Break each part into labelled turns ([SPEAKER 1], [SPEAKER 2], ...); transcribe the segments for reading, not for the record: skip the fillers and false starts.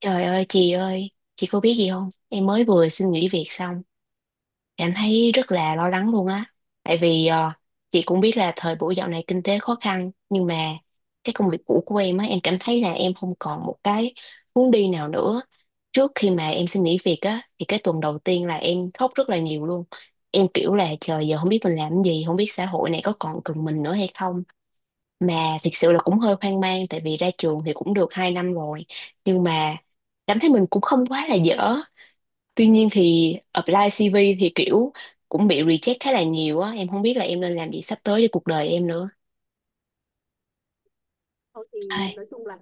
[SPEAKER 1] Trời ơi, chị có biết gì không? Em mới vừa xin nghỉ việc xong, em thấy rất là lo lắng luôn á. Tại vì chị cũng biết là thời buổi dạo này kinh tế khó khăn, nhưng mà cái công việc cũ của em á, em cảm thấy là em không còn một cái hướng đi nào nữa. Trước khi mà em xin nghỉ việc á, thì cái tuần đầu tiên là em khóc rất là nhiều luôn. Em kiểu là trời giờ không biết mình làm cái gì, không biết xã hội này có còn cần mình nữa hay không, mà thực sự là cũng hơi hoang mang tại vì ra trường thì cũng được 2 năm rồi, nhưng mà cảm thấy mình cũng không quá là dở. Tuy nhiên thì apply CV thì kiểu cũng bị reject khá là nhiều á, em không biết là em nên làm gì sắp tới cho cuộc đời em nữa.
[SPEAKER 2] Thôi thì
[SPEAKER 1] Ai.
[SPEAKER 2] nói chung là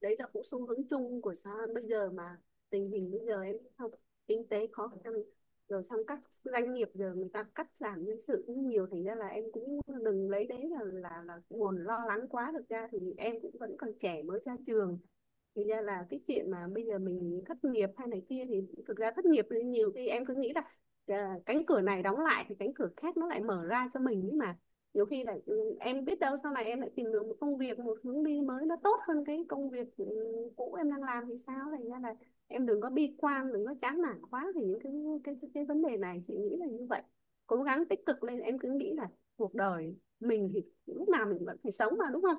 [SPEAKER 2] đấy là cũng xu hướng chung của xã hội bây giờ mà. Tình hình bây giờ em biết không, kinh tế khó khăn, rồi xong các doanh nghiệp giờ người ta cắt giảm nhân sự cũng nhiều, thành ra là em cũng đừng lấy đấy là nguồn lo lắng quá. Thực ra thì em cũng vẫn còn trẻ, mới ra trường, thì ra là cái chuyện mà bây giờ mình thất nghiệp hay này kia thì thực ra thất nghiệp thì nhiều khi em cứ nghĩ là à, cánh cửa này đóng lại thì cánh cửa khác nó lại mở ra cho mình ấy mà. Nhiều khi là ừ, em biết đâu sau này em lại tìm được một công việc, một hướng đi mới, nó tốt hơn cái công việc cũ em đang làm thì sao. Thành ra là em đừng có bi quan, đừng có chán nản quá, thì những cái vấn đề này chị nghĩ là như vậy. Cố gắng tích cực lên, em cứ nghĩ là cuộc đời mình thì lúc nào mình vẫn phải sống mà, đúng không?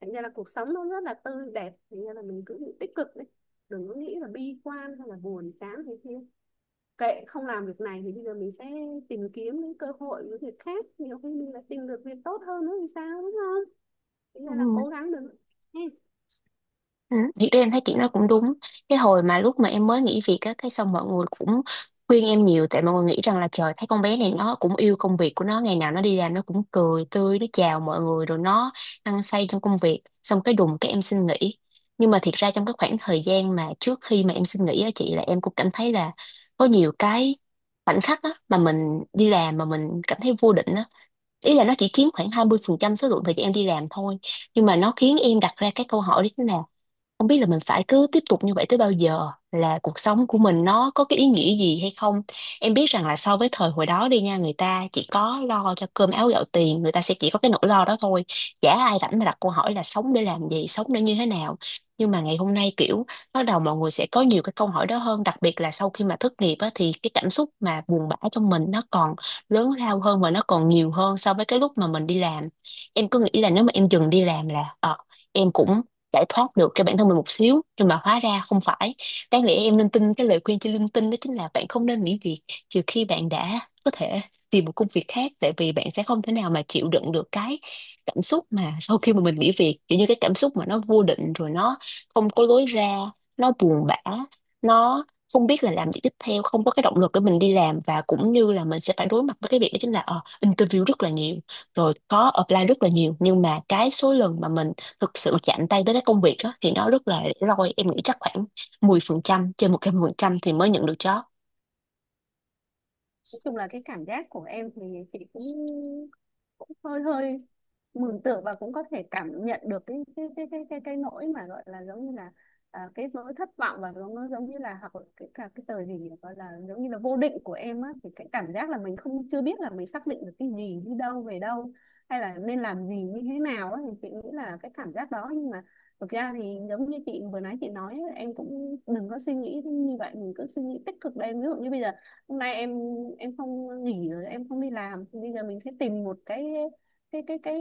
[SPEAKER 2] Thành ra là cuộc sống nó rất là tươi đẹp, thành ra là mình cứ tích cực đi, đừng có nghĩ là bi quan hay là buồn chán thế kia. Kệ, không làm việc này thì bây giờ mình sẽ tìm kiếm những cơ hội, những việc khác, nhiều khi mình lại tìm được việc tốt hơn nữa thì sao, đúng không? Bây
[SPEAKER 1] Ừ.
[SPEAKER 2] giờ là cố gắng được.
[SPEAKER 1] Ừ, thì em thấy chị nói cũng đúng. Cái hồi mà lúc mà em mới nghỉ việc á, cái xong mọi người cũng khuyên em nhiều, tại mọi người nghĩ rằng là trời thấy con bé này nó cũng yêu công việc của nó, ngày nào nó đi làm nó cũng cười tươi, nó chào mọi người rồi nó hăng say trong công việc. Xong cái đùng cái em xin nghỉ. Nhưng mà thiệt ra trong cái khoảng thời gian mà trước khi mà em xin nghỉ á chị, là em cũng cảm thấy là có nhiều cái khoảnh khắc á mà mình đi làm mà mình cảm thấy vô định á. Ý là nó chỉ chiếm khoảng 20% số lượng thời gian em đi làm thôi, nhưng mà nó khiến em đặt ra cái câu hỏi đó là không biết là mình phải cứ tiếp tục như vậy tới bao giờ, là cuộc sống của mình nó có cái ý nghĩa gì hay không. Em biết rằng là so với thời hồi đó đi nha, người ta chỉ có lo cho cơm áo gạo tiền, người ta sẽ chỉ có cái nỗi lo đó thôi, chả ai rảnh mà đặt câu hỏi là sống để làm gì, sống để như thế nào. Nhưng mà ngày hôm nay kiểu bắt đầu mọi người sẽ có nhiều cái câu hỏi đó hơn, đặc biệt là sau khi mà thất nghiệp á, thì cái cảm xúc mà buồn bã trong mình nó còn lớn lao hơn và nó còn nhiều hơn so với cái lúc mà mình đi làm. Em cứ nghĩ là nếu mà em dừng đi làm là em cũng giải thoát được cho bản thân mình một xíu, nhưng mà hóa ra không phải. Đáng lẽ em nên tin cái lời khuyên trên LinkedIn, đó chính là bạn không nên nghỉ việc trừ khi bạn đã có thể tìm một công việc khác, tại vì bạn sẽ không thể nào mà chịu đựng được cái cảm xúc mà sau khi mà mình nghỉ việc, kiểu như cái cảm xúc mà nó vô định rồi nó không có lối ra, nó buồn bã, nó không biết là làm gì tiếp theo, không có cái động lực để mình đi làm, và cũng như là mình sẽ phải đối mặt với cái việc đó chính là interview rất là nhiều, rồi có apply rất là nhiều, nhưng mà cái số lần mà mình thực sự mà chạm tay tới cái công việc á thì nó rất là rủi ro. Em nghĩ chắc khoảng 10% trên 100% thì mới nhận được job.
[SPEAKER 2] Nói chung là cái cảm giác của em thì chị cũng cũng hơi hơi mường tượng, và cũng có thể cảm nhận được cái nỗi mà gọi là giống như là à, cái nỗi thất vọng và giống, nó giống như là, hoặc là cái cả cái tờ gì nhỉ? Gọi là giống như là vô định của em á, thì cái cảm giác là mình không chưa biết là mình xác định được cái gì, đi đâu về đâu, hay là nên làm gì như thế nào á, thì chị nghĩ là cái cảm giác đó. Nhưng mà thực ra thì giống như chị vừa nãy chị nói, em cũng đừng có suy nghĩ như vậy, mình cứ suy nghĩ tích cực lên. Ví dụ như bây giờ hôm nay em không nghỉ rồi, em không đi làm, thì bây giờ mình sẽ tìm một cái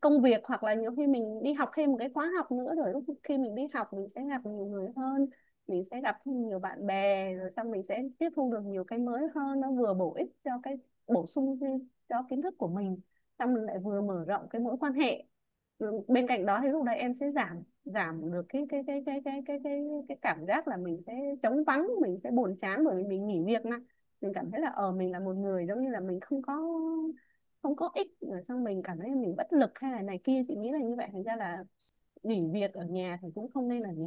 [SPEAKER 2] công việc, hoặc là nhiều khi mình đi học thêm một cái khóa học nữa, rồi lúc khi mình đi học mình sẽ gặp nhiều người hơn, mình sẽ gặp thêm nhiều bạn bè, rồi xong mình sẽ tiếp thu được nhiều cái mới hơn, nó vừa bổ ích cho cái bổ sung thêm cho kiến thức của mình, xong mình lại vừa mở rộng cái mối quan hệ. Ừ, bên cạnh đó thì lúc đấy em sẽ giảm giảm được cái cảm giác là mình sẽ trống vắng, mình sẽ buồn chán bởi vì mình nghỉ việc nè, mình cảm thấy là mình là một người, giống như là mình không có ích, rồi xong mình cảm thấy là mình bất lực hay là này kia, chị nghĩ là như vậy. Thành ra là nghỉ việc ở nhà thì cũng không nên là gì,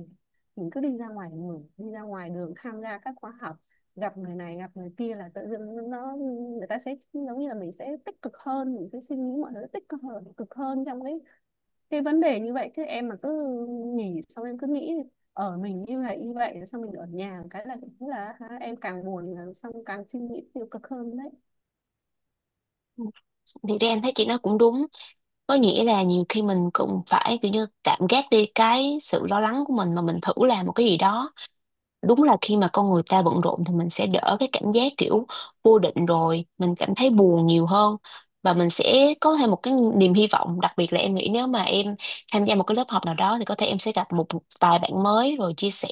[SPEAKER 2] mình cứ đi ra ngoài đường tham gia các khóa học, gặp người này gặp người kia, là tự dưng nó người ta sẽ giống như là mình sẽ tích cực hơn, mình sẽ suy nghĩ mọi thứ tích cực hơn trong cái vấn đề như vậy. Chứ em mà cứ nghỉ xong em cứ nghĩ ở mình như vậy như vậy, xong mình ở nhà cái là cũng là ha, em càng buồn là xong càng suy nghĩ tiêu cực hơn đấy.
[SPEAKER 1] Thì ra em thấy chị nói cũng đúng, có nghĩa là nhiều khi mình cũng phải kiểu như tạm gác đi cái sự lo lắng của mình mà mình thử làm một cái gì đó. Đúng là khi mà con người ta bận rộn thì mình sẽ đỡ cái cảm giác kiểu vô định rồi mình cảm thấy buồn nhiều hơn, và mình sẽ có thêm một cái niềm hy vọng. Đặc biệt là em nghĩ nếu mà em tham gia một cái lớp học nào đó thì có thể em sẽ gặp một vài bạn mới rồi chia sẻ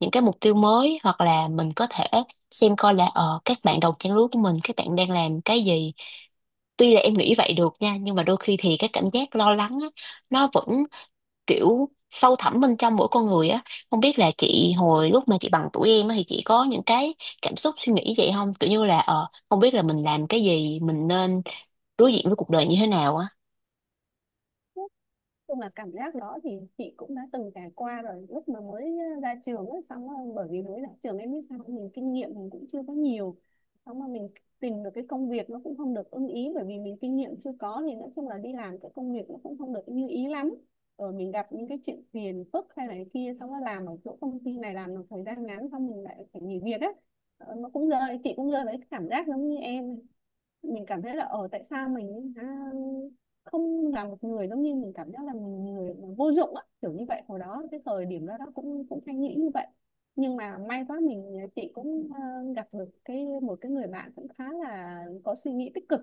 [SPEAKER 1] những cái mục tiêu mới, hoặc là mình có thể xem coi là các bạn đồng trang lứa của mình các bạn đang làm cái gì. Tuy là em nghĩ vậy được nha, nhưng mà đôi khi thì cái cảm giác lo lắng á, nó vẫn kiểu sâu thẳm bên trong mỗi con người á. Không biết là chị hồi lúc mà chị bằng tuổi em á thì chị có những cái cảm xúc suy nghĩ vậy không, kiểu như là không biết là mình làm cái gì, mình nên đối diện với cuộc đời như thế nào á.
[SPEAKER 2] Chung là cảm giác đó thì chị cũng đã từng trải qua rồi, lúc mà mới ra trường ấy, xong rồi, bởi vì mới ra trường em biết sao, mình kinh nghiệm mình cũng chưa có nhiều, xong mà mình tìm được cái công việc nó cũng không được ưng ý, bởi vì mình kinh nghiệm chưa có thì nói chung là đi làm cái công việc nó cũng không được như ý lắm, rồi mình gặp những cái chuyện phiền phức hay này kia, xong rồi làm ở chỗ công ty này làm một thời gian ngắn xong mình lại phải nghỉ việc á. Ờ, nó cũng rơi chị cũng rơi với cái cảm giác giống như em, mình cảm thấy là ở tại sao mình hả, không là một người, giống như mình cảm giác là mình người vô dụng á, kiểu như vậy hồi đó cái thời điểm đó, cũng cũng hay nghĩ như vậy. Nhưng mà may quá chị cũng gặp được một cái người bạn cũng khá là có suy nghĩ tích cực,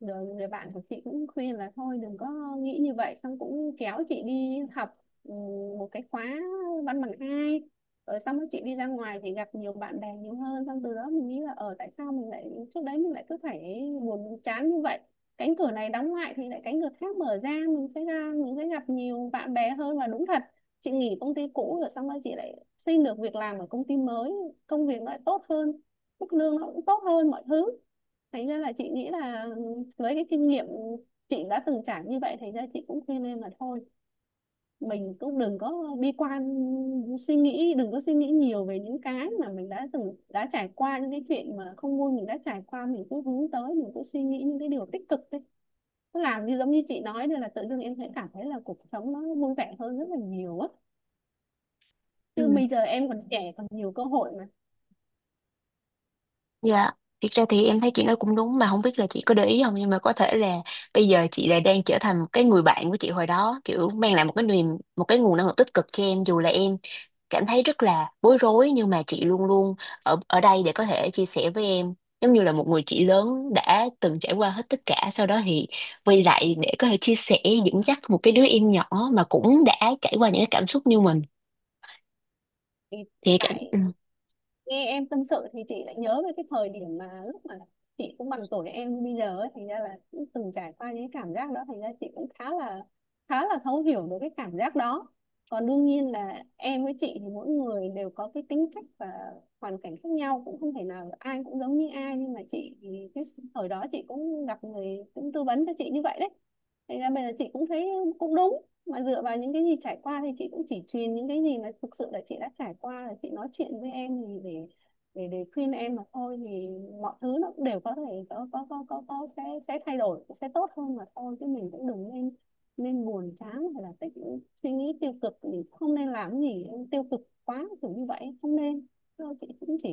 [SPEAKER 2] rồi người bạn của chị cũng khuyên là thôi đừng có nghĩ như vậy, xong cũng kéo chị đi học, ừ, một cái khóa văn bằng hai, rồi xong rồi chị đi ra ngoài thì gặp nhiều bạn bè nhiều hơn, xong từ đó mình nghĩ là ở tại sao mình lại trước đấy mình lại cứ phải buồn chán như vậy. Cánh cửa này đóng lại thì lại cánh cửa khác mở ra, mình sẽ gặp nhiều bạn bè hơn. Và đúng thật, chị nghỉ công ty cũ rồi xong rồi chị lại xin được việc làm ở công ty mới, công việc nó lại tốt hơn, mức lương nó cũng tốt hơn mọi thứ. Thành ra là chị nghĩ là với cái kinh nghiệm chị đã từng trải như vậy, thành ra chị cũng khuyên em là thôi mình cũng đừng có bi quan, suy nghĩ đừng có suy nghĩ nhiều về những cái mà mình đã từng trải qua, những cái chuyện mà không vui mình đã trải qua, mình cứ hướng tới, mình cứ suy nghĩ những cái điều tích cực đi. Cứ làm như giống như chị nói đây là tự dưng em sẽ cảm thấy là cuộc sống nó vui vẻ hơn rất là nhiều á,
[SPEAKER 1] Ừ.
[SPEAKER 2] chứ bây giờ em còn trẻ còn nhiều cơ hội mà.
[SPEAKER 1] Dạ, thiệt ra thì em thấy chị nói cũng đúng, mà không biết là chị có để ý không, nhưng mà có thể là bây giờ chị lại đang trở thành một cái người bạn của chị hồi đó, kiểu mang lại một cái niềm, một cái nguồn năng lượng tích cực cho em. Dù là em cảm thấy rất là bối rối, nhưng mà chị luôn luôn ở ở đây để có thể chia sẻ với em, giống như là một người chị lớn đã từng trải qua hết tất cả, sau đó thì quay lại để có thể chia sẻ dẫn dắt một cái đứa em nhỏ mà cũng đã trải qua những cái cảm xúc như mình.
[SPEAKER 2] Thì
[SPEAKER 1] Thì cảm
[SPEAKER 2] tại nghe em tâm sự thì chị lại nhớ về cái thời điểm mà lúc mà chị cũng bằng tuổi em bây giờ ấy, thành ra là cũng từng trải qua những cái cảm giác đó, thành ra chị cũng khá là thấu hiểu được cái cảm giác đó. Còn đương nhiên là em với chị thì mỗi người đều có cái tính cách và hoàn cảnh khác nhau, cũng không thể nào ai cũng giống như ai, nhưng mà chị thì cái thời đó chị cũng gặp người cũng tư vấn cho chị như vậy đấy, thành ra bây giờ chị cũng thấy cũng đúng. Mà dựa vào những cái gì trải qua thì chị cũng chỉ truyền những cái gì mà thực sự là chị đã trải qua, là chị nói chuyện với em, thì để khuyên em mà thôi. Thì mọi thứ nó cũng đều có thể có sẽ thay đổi, sẽ tốt hơn mà thôi, chứ mình cũng đừng nên nên buồn chán, hay là suy nghĩ tiêu cực, thì không nên làm gì tiêu cực quá kiểu như vậy, không nên. Thôi chị cũng chỉ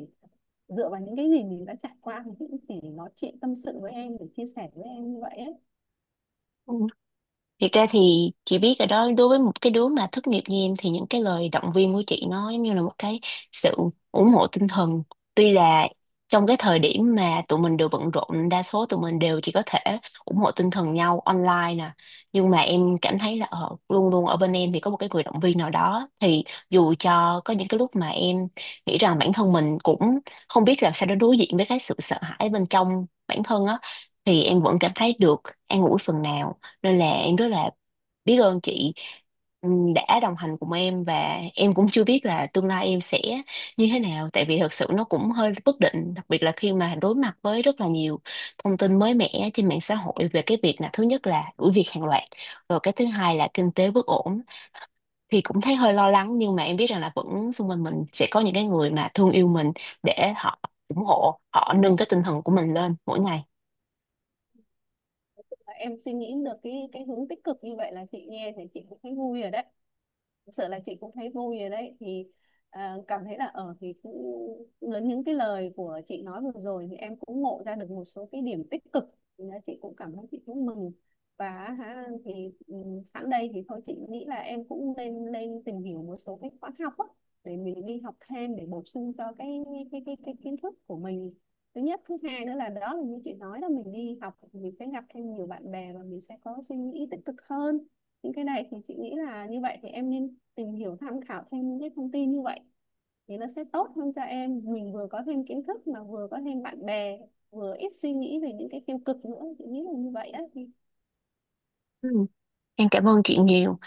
[SPEAKER 2] dựa vào những cái gì mình đã trải qua thì chị cũng chỉ nói chuyện tâm sự với em để chia sẻ với em như vậy ấy.
[SPEAKER 1] Ừ. Thiệt ra thì chị biết rồi đó, đối với một cái đứa mà thất nghiệp như em thì những cái lời động viên của chị nó giống như là một cái sự ủng hộ tinh thần. Tuy là trong cái thời điểm mà tụi mình đều bận rộn, đa số tụi mình đều chỉ có thể ủng hộ tinh thần nhau online nè. Nhưng mà em cảm thấy là luôn luôn ở bên em thì có một cái người động viên nào đó. Thì dù cho có những cái lúc mà em nghĩ rằng bản thân mình cũng không biết là sao đối diện với cái sự sợ hãi bên trong bản thân á, thì em vẫn cảm thấy được an ủi phần nào, nên là em rất là biết ơn chị, đã đồng hành cùng em. Và em cũng chưa biết là tương lai em sẽ như thế nào, tại vì thật sự nó cũng hơi bất định, đặc biệt là khi mà đối mặt với rất là nhiều thông tin mới mẻ trên mạng xã hội về cái việc là, thứ nhất là đuổi việc hàng loạt, rồi cái thứ hai là kinh tế bất ổn, thì cũng thấy hơi lo lắng. Nhưng mà em biết rằng là vẫn xung quanh mình sẽ có những cái người mà thương yêu mình để họ ủng hộ, họ nâng cái tinh thần của mình lên mỗi ngày.
[SPEAKER 2] Em suy nghĩ được cái hướng tích cực như vậy là chị nghe thì chị cũng thấy vui rồi đấy, thực sự là chị cũng thấy vui rồi đấy. Thì à, cảm thấy là ở thì cũng lớn những cái lời của chị nói vừa rồi thì em cũng ngộ ra được một số cái điểm tích cực. Thì là chị cũng cảm thấy chị cũng mừng. Và hả, thì ừ, sẵn đây thì thôi chị nghĩ là em cũng nên lên tìm hiểu một số cái khóa học á, để mình đi học thêm để bổ sung cho cái kiến thức của mình. Thứ nhất, thứ hai nữa là đó là như chị nói là mình đi học mình sẽ gặp thêm nhiều bạn bè và mình sẽ có suy nghĩ tích cực hơn. Những cái này thì chị nghĩ là như vậy, thì em nên tìm hiểu tham khảo thêm những cái thông tin như vậy, thì nó sẽ tốt hơn cho em, mình vừa có thêm kiến thức mà vừa có thêm bạn bè, vừa ít suy nghĩ về những cái tiêu cực nữa, chị nghĩ là như vậy á thì.
[SPEAKER 1] Ừm, em cảm ơn chị nhiều.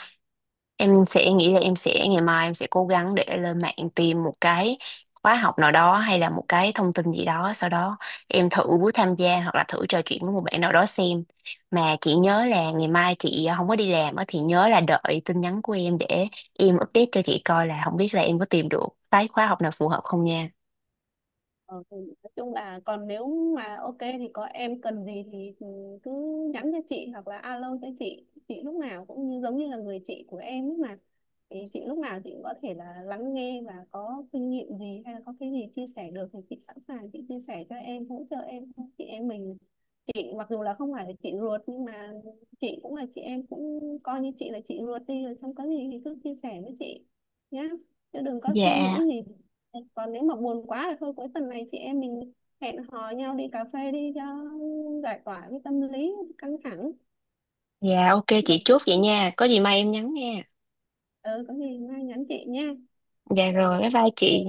[SPEAKER 1] Em sẽ nghĩ là em sẽ ngày mai em sẽ cố gắng để lên mạng tìm một cái khóa học nào đó, hay là một cái thông tin gì đó, sau đó em thử tham gia hoặc là thử trò chuyện với một bạn nào đó xem. Mà chị nhớ là ngày mai chị không có đi làm á thì nhớ là đợi tin nhắn của em, để em update cho chị coi là không biết là em có tìm được cái khóa học nào phù hợp không nha.
[SPEAKER 2] Ờ, thì nói chung là còn nếu mà ok thì có em cần gì thì cứ nhắn cho chị hoặc là alo cho chị lúc nào cũng như giống như là người chị của em ấy mà, thì chị lúc nào chị cũng có thể là lắng nghe, và có kinh nghiệm gì hay là có cái gì chia sẻ được thì chị sẵn sàng chị chia sẻ cho em, hỗ trợ em. Chị em mình, chị mặc dù là không phải là chị ruột nhưng mà chị cũng là chị, em cũng coi như chị là chị ruột đi, rồi xong có gì thì cứ chia sẻ với chị nhá, chứ đừng có suy nghĩ
[SPEAKER 1] Dạ,
[SPEAKER 2] gì. Còn nếu mà buồn quá thì thôi cuối tuần này chị em mình hẹn hò nhau đi cà phê đi cho giải tỏa cái tâm lý căng thẳng.
[SPEAKER 1] dạ ok chị
[SPEAKER 2] đầu
[SPEAKER 1] chốt vậy nha. Có gì mai em nhắn nha.
[SPEAKER 2] ừ có gì mai nhắn chị nha.
[SPEAKER 1] Dạ rồi,
[SPEAKER 2] Rồi.
[SPEAKER 1] bye bye chị.